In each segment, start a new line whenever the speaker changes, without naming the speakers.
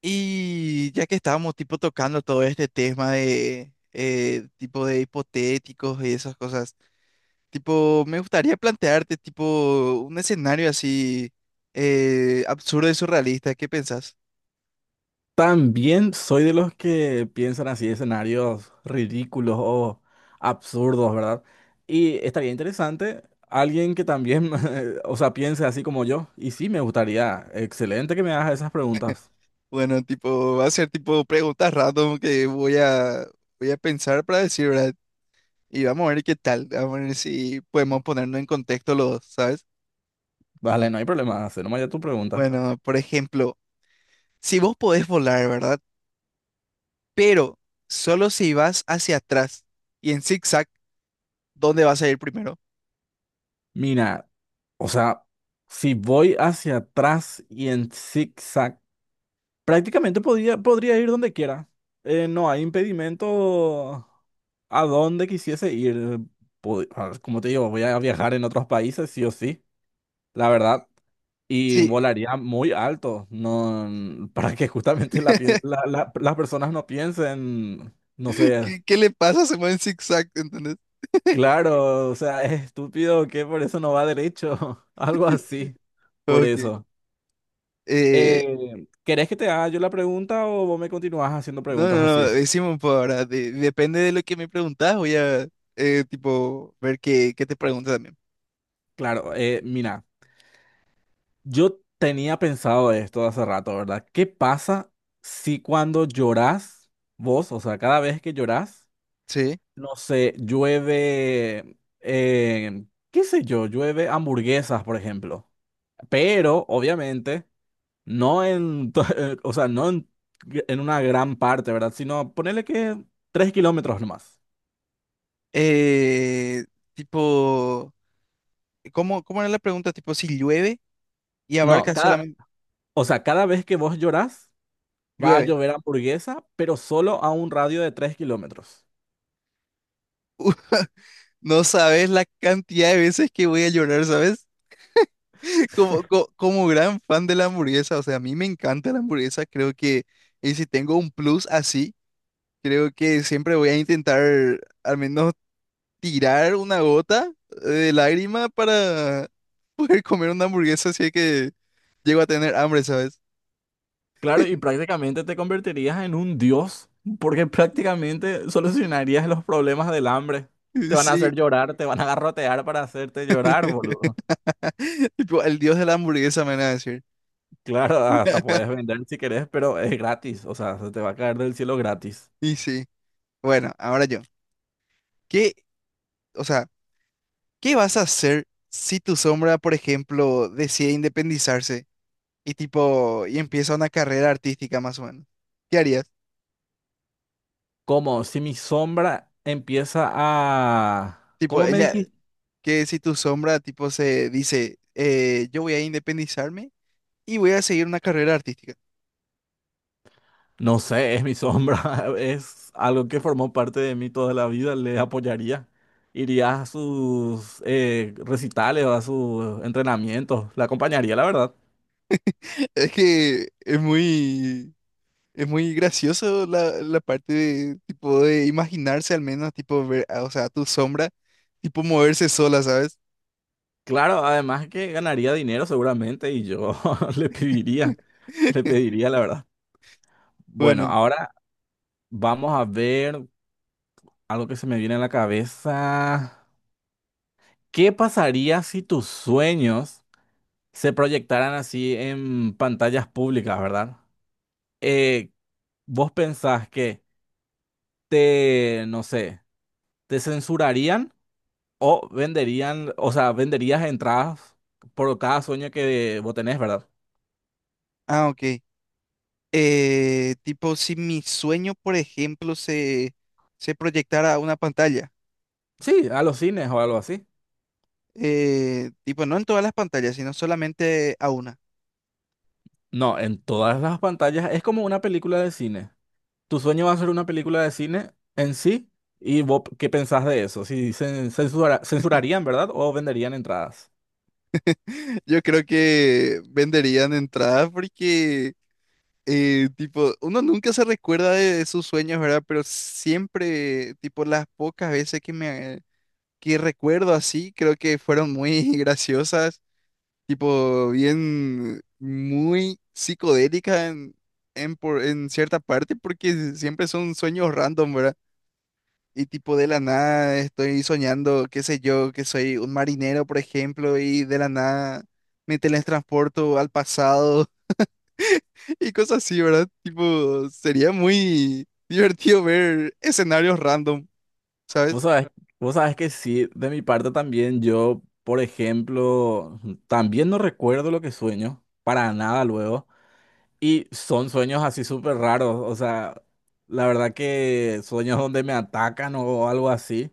Y ya que estábamos tipo tocando todo este tema de tipo de hipotéticos y esas cosas, tipo, me gustaría plantearte tipo un escenario así absurdo y surrealista, ¿qué pensás?
También soy de los que piensan así escenarios ridículos o absurdos, ¿verdad? Y estaría interesante alguien que también, o sea, piense así como yo. Y sí, me gustaría. Excelente que me hagas esas preguntas.
Bueno, tipo, va a ser tipo preguntas random que voy a pensar para decir, ¿verdad? Y vamos a ver qué tal, vamos a ver si podemos ponernos en contexto los, ¿sabes?
Vale, no hay problema, hacer nomás ya tu pregunta.
Bueno, por ejemplo, si vos podés volar, ¿verdad? Pero solo si vas hacia atrás y en zigzag, ¿dónde vas a ir primero?
Mira, o sea, si voy hacia atrás y en zigzag. Prácticamente podría ir donde quiera. No hay impedimento a donde quisiese ir. Po- a Como te digo, voy a viajar en otros países, sí o sí, la verdad. Y
Sí.
volaría muy alto, no, n- para que justamente la pie- la- la- las personas no piensen, no sé,
¿Qué, qué le pasa? Se mueve en zigzag, ¿entendés?
claro, o sea, es estúpido que por eso no va derecho, algo así, por
Ok.
eso.
Eh,
¿Querés que te haga yo la pregunta o vos me continúas haciendo
no,
preguntas
no, no,
así?
decimos un poco ahora. Depende de lo que me preguntas, tipo, ver qué, qué te pregunta también.
Claro, mira. Yo tenía pensado esto hace rato, ¿verdad? ¿Qué pasa si cuando llorás, vos, o sea, cada vez que llorás,
Sí.
no sé, llueve, qué sé yo, llueve hamburguesas, por ejemplo? Pero, obviamente, no en, to- o sea, no en, en una gran parte, ¿verdad? Sino ponerle que 3 kilómetros nomás.
Eh, tipo, ¿cómo, cómo era la pregunta? Tipo, si llueve y
No,
abarca
cada,
solamente
o sea, cada vez que vos llorás, va a
llueve.
llover hamburguesa, pero solo a un radio de 3 kilómetros.
No sabes la cantidad de veces que voy a llorar, ¿sabes? Como, como gran fan de la hamburguesa, o sea, a mí me encanta la hamburguesa, creo que, y si tengo un plus así, creo que siempre voy a intentar al menos tirar una gota de lágrima para poder comer una hamburguesa si es que llego a tener hambre, ¿sabes?
Claro, y prácticamente te convertirías en un dios, porque prácticamente solucionarías los problemas del hambre. Te van a
Sí,
hacer llorar, te van a garrotear para hacerte llorar, boludo.
tipo, el dios de la hamburguesa me van a decir.
Claro, hasta puedes vender si querés, pero es gratis, o sea, se te va a caer del cielo gratis.
Y sí, bueno, ahora yo. ¿Qué, o sea, qué vas a hacer si tu sombra, por ejemplo, decide independizarse? Y tipo, y empieza una carrera artística más o menos. ¿Qué harías?
¿Cómo? Si mi sombra empieza a...
Tipo,
¿Cómo me
ella,
dijiste?
que si tu sombra, tipo, se dice, yo voy a independizarme y voy a seguir una carrera artística.
No sé, es mi sombra, es algo que formó parte de mí toda la vida, le apoyaría. Iría a sus recitales o a sus entrenamientos, la acompañaría, la verdad.
Es que es muy gracioso la, la parte de, tipo, de imaginarse al menos, tipo, ver, o sea, tu sombra, tipo, moverse sola, ¿sabes?
Claro, además que ganaría dinero seguramente y yo le pediría, le pediría, la verdad. Bueno,
Bueno,
ahora vamos a ver algo que se me viene a la cabeza. ¿Qué pasaría si tus sueños se proyectaran así en pantallas públicas, verdad? Eh, ¿Vos pensás que... te, no sé, te censurarían o venderían, o sea, venderías entradas por cada sueño que vos tenés, ¿verdad?
ah, ok. Tipo, si mi sueño, por ejemplo, se proyectara a una pantalla.
Sí, a los cines o algo así.
Eh, tipo, no en todas las pantallas, sino solamente a una.
No, en todas las pantallas es como una película de cine. Tu sueño va a ser una película de cine en sí. ¿Y vos qué pensás de eso? Si cen- censura- Censurarían, ¿verdad? ¿O venderían entradas?
Yo creo que venderían entradas porque, tipo, uno nunca se recuerda de sus sueños, ¿verdad? Pero siempre, tipo, las pocas veces que me que recuerdo así, creo que fueron muy graciosas, tipo, bien, muy psicodélicas en, en cierta parte, porque siempre son sueños random, ¿verdad? Y tipo de la nada estoy soñando, qué sé yo, que soy un marinero, por ejemplo, y de la nada me teletransporto al pasado y cosas así, ¿verdad? Tipo, sería muy divertido ver escenarios random, ¿sabes?
Vos sabés, Vos sabés que sí, de mi parte también yo, por ejemplo, también no recuerdo lo que sueño, para nada luego. Y son sueños así súper raros, o sea, la verdad que sueños donde me atacan o algo así,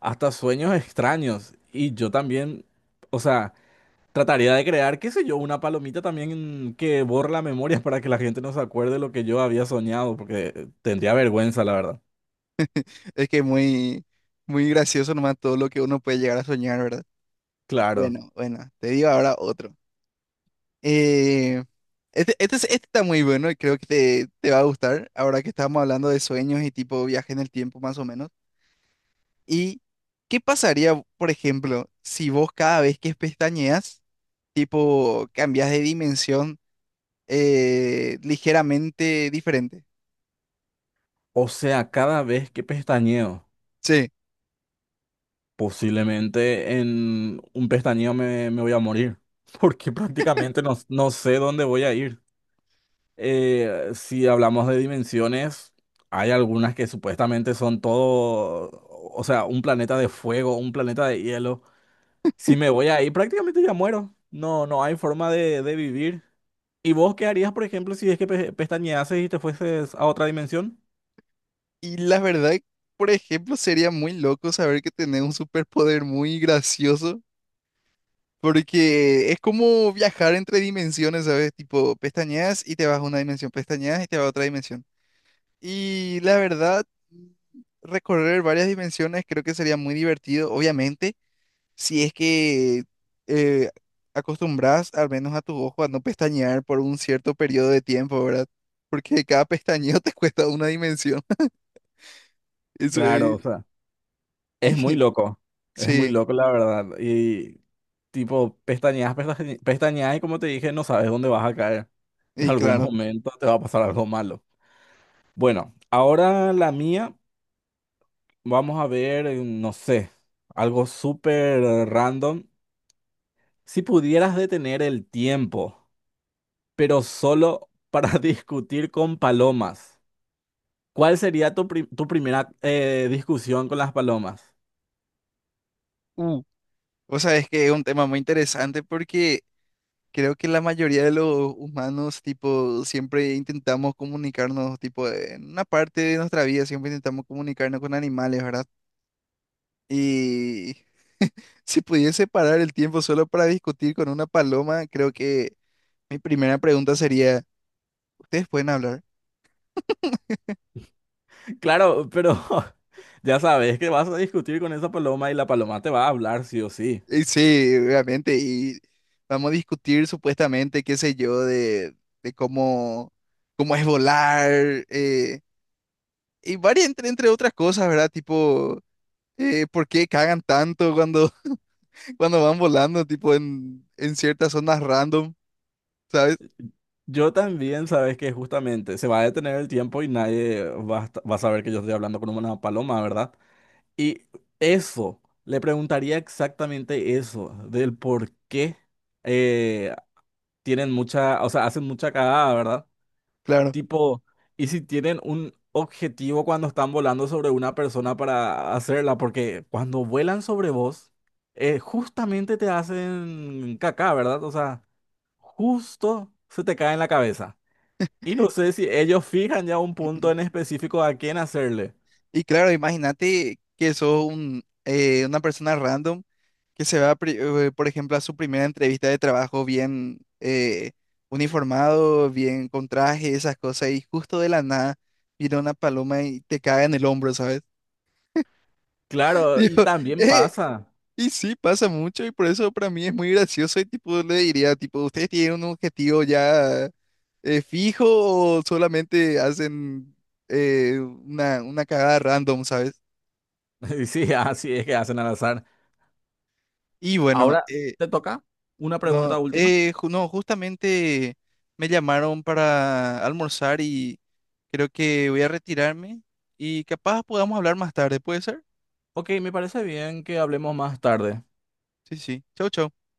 hasta sueños extraños. Y yo también, o sea, trataría de crear, qué sé yo, una palomita también que borre la memoria para que la gente no se acuerde lo que yo había soñado, porque tendría vergüenza, la verdad.
Es que muy, muy gracioso nomás todo lo que uno puede llegar a soñar, ¿verdad?
Claro.
Bueno, bueno, te digo ahora otro. Eh, este está muy bueno y creo que te va a gustar ahora que estamos hablando de sueños y tipo viaje en el tiempo más o menos. ¿Y qué pasaría, por ejemplo, si vos cada vez que pestañeas, tipo, cambias de dimensión ligeramente diferente?
O sea, cada vez que pestañeo,
Sí.
posiblemente en un pestañeo me voy a morir, porque prácticamente no sé dónde voy a ir. Si hablamos de dimensiones, hay algunas que supuestamente son todo, o sea, un planeta de fuego, un planeta de hielo. Si me voy ahí, prácticamente ya muero. No hay forma de vivir. ¿Y vos qué harías, por ejemplo, si es que pestañeases y te fueses a otra dimensión?
Y la verdad, por ejemplo, sería muy loco saber que tenés un superpoder muy gracioso, porque es como viajar entre dimensiones, ¿sabes? Tipo, pestañeas y te vas a una dimensión, pestañeas y te vas a otra dimensión. Y la verdad, recorrer varias dimensiones creo que sería muy divertido, obviamente si es que eh, acostumbras al menos a tu ojo a no pestañear por un cierto periodo de tiempo, ¿verdad? Porque cada pestañeo te cuesta una dimensión. Eso
Claro,
es.
o sea, es muy
y-
loco. Es muy
sí,
loco, la verdad. Y tipo, pestañeas y como te dije, no sabes dónde vas a caer. En
y
algún
claro.
momento te va a pasar algo malo. Bueno, ahora la mía. Vamos a ver, no sé, algo súper random. Si pudieras detener el tiempo, pero solo para discutir con palomas, ¿cuál sería tu primera discusión con las palomas?
Uh, o sea, es que es un tema muy interesante porque creo que la mayoría de los humanos, tipo, siempre intentamos comunicarnos, tipo, en una parte de nuestra vida siempre intentamos comunicarnos con animales, ¿verdad? Y si pudiese parar el tiempo solo para discutir con una paloma, creo que mi primera pregunta sería, ¿ustedes pueden hablar?
Claro, pero ya sabes que vas a discutir con esa paloma y la paloma te va a hablar sí o sí.
Y sí, obviamente, y vamos a discutir supuestamente, qué sé yo, de cómo, cómo es volar, eh, y varias, entre, entre otras cosas, ¿verdad? Tipo, ¿por qué cagan tanto cuando, cuando van volando, tipo, en ciertas zonas random, ¿sabes?
Yo también sabes que justamente se va a detener el tiempo y nadie va a saber que yo estoy hablando con una paloma, ¿verdad? Y eso, le preguntaría exactamente eso, del por qué eh, tienen mucha, o sea, hacen mucha cagada, ¿verdad?
Claro.
Tipo, y si tienen un objetivo cuando están volando sobre una persona para hacerla, porque cuando vuelan sobre vos, justamente te hacen caca, ¿verdad? O sea, justo se te cae en la cabeza. Y no sé si ellos fijan ya un punto en específico a quién hacerle.
Y claro, imagínate que sos un, una persona random que se va, por ejemplo, a su primera entrevista de trabajo bien uniformado, bien con traje, esas cosas, y justo de la nada viene una paloma y te caga en el hombro, ¿sabes?
Claro, y
Digo,
también
eh,
pasa.
y sí, pasa mucho, y por eso para mí es muy gracioso, y tipo, le diría, tipo, ¿ustedes tienen un objetivo ya fijo o solamente hacen una cagada random, ¿sabes?
Sí, así es que hacen al azar.
Y bueno,
Ahora te toca una pregunta
no,
última.
no, justamente me llamaron para almorzar y creo que voy a retirarme y capaz podamos hablar más tarde, ¿puede ser?
Ok, me parece bien que hablemos más tarde.
Sí, sí. Chau, chau.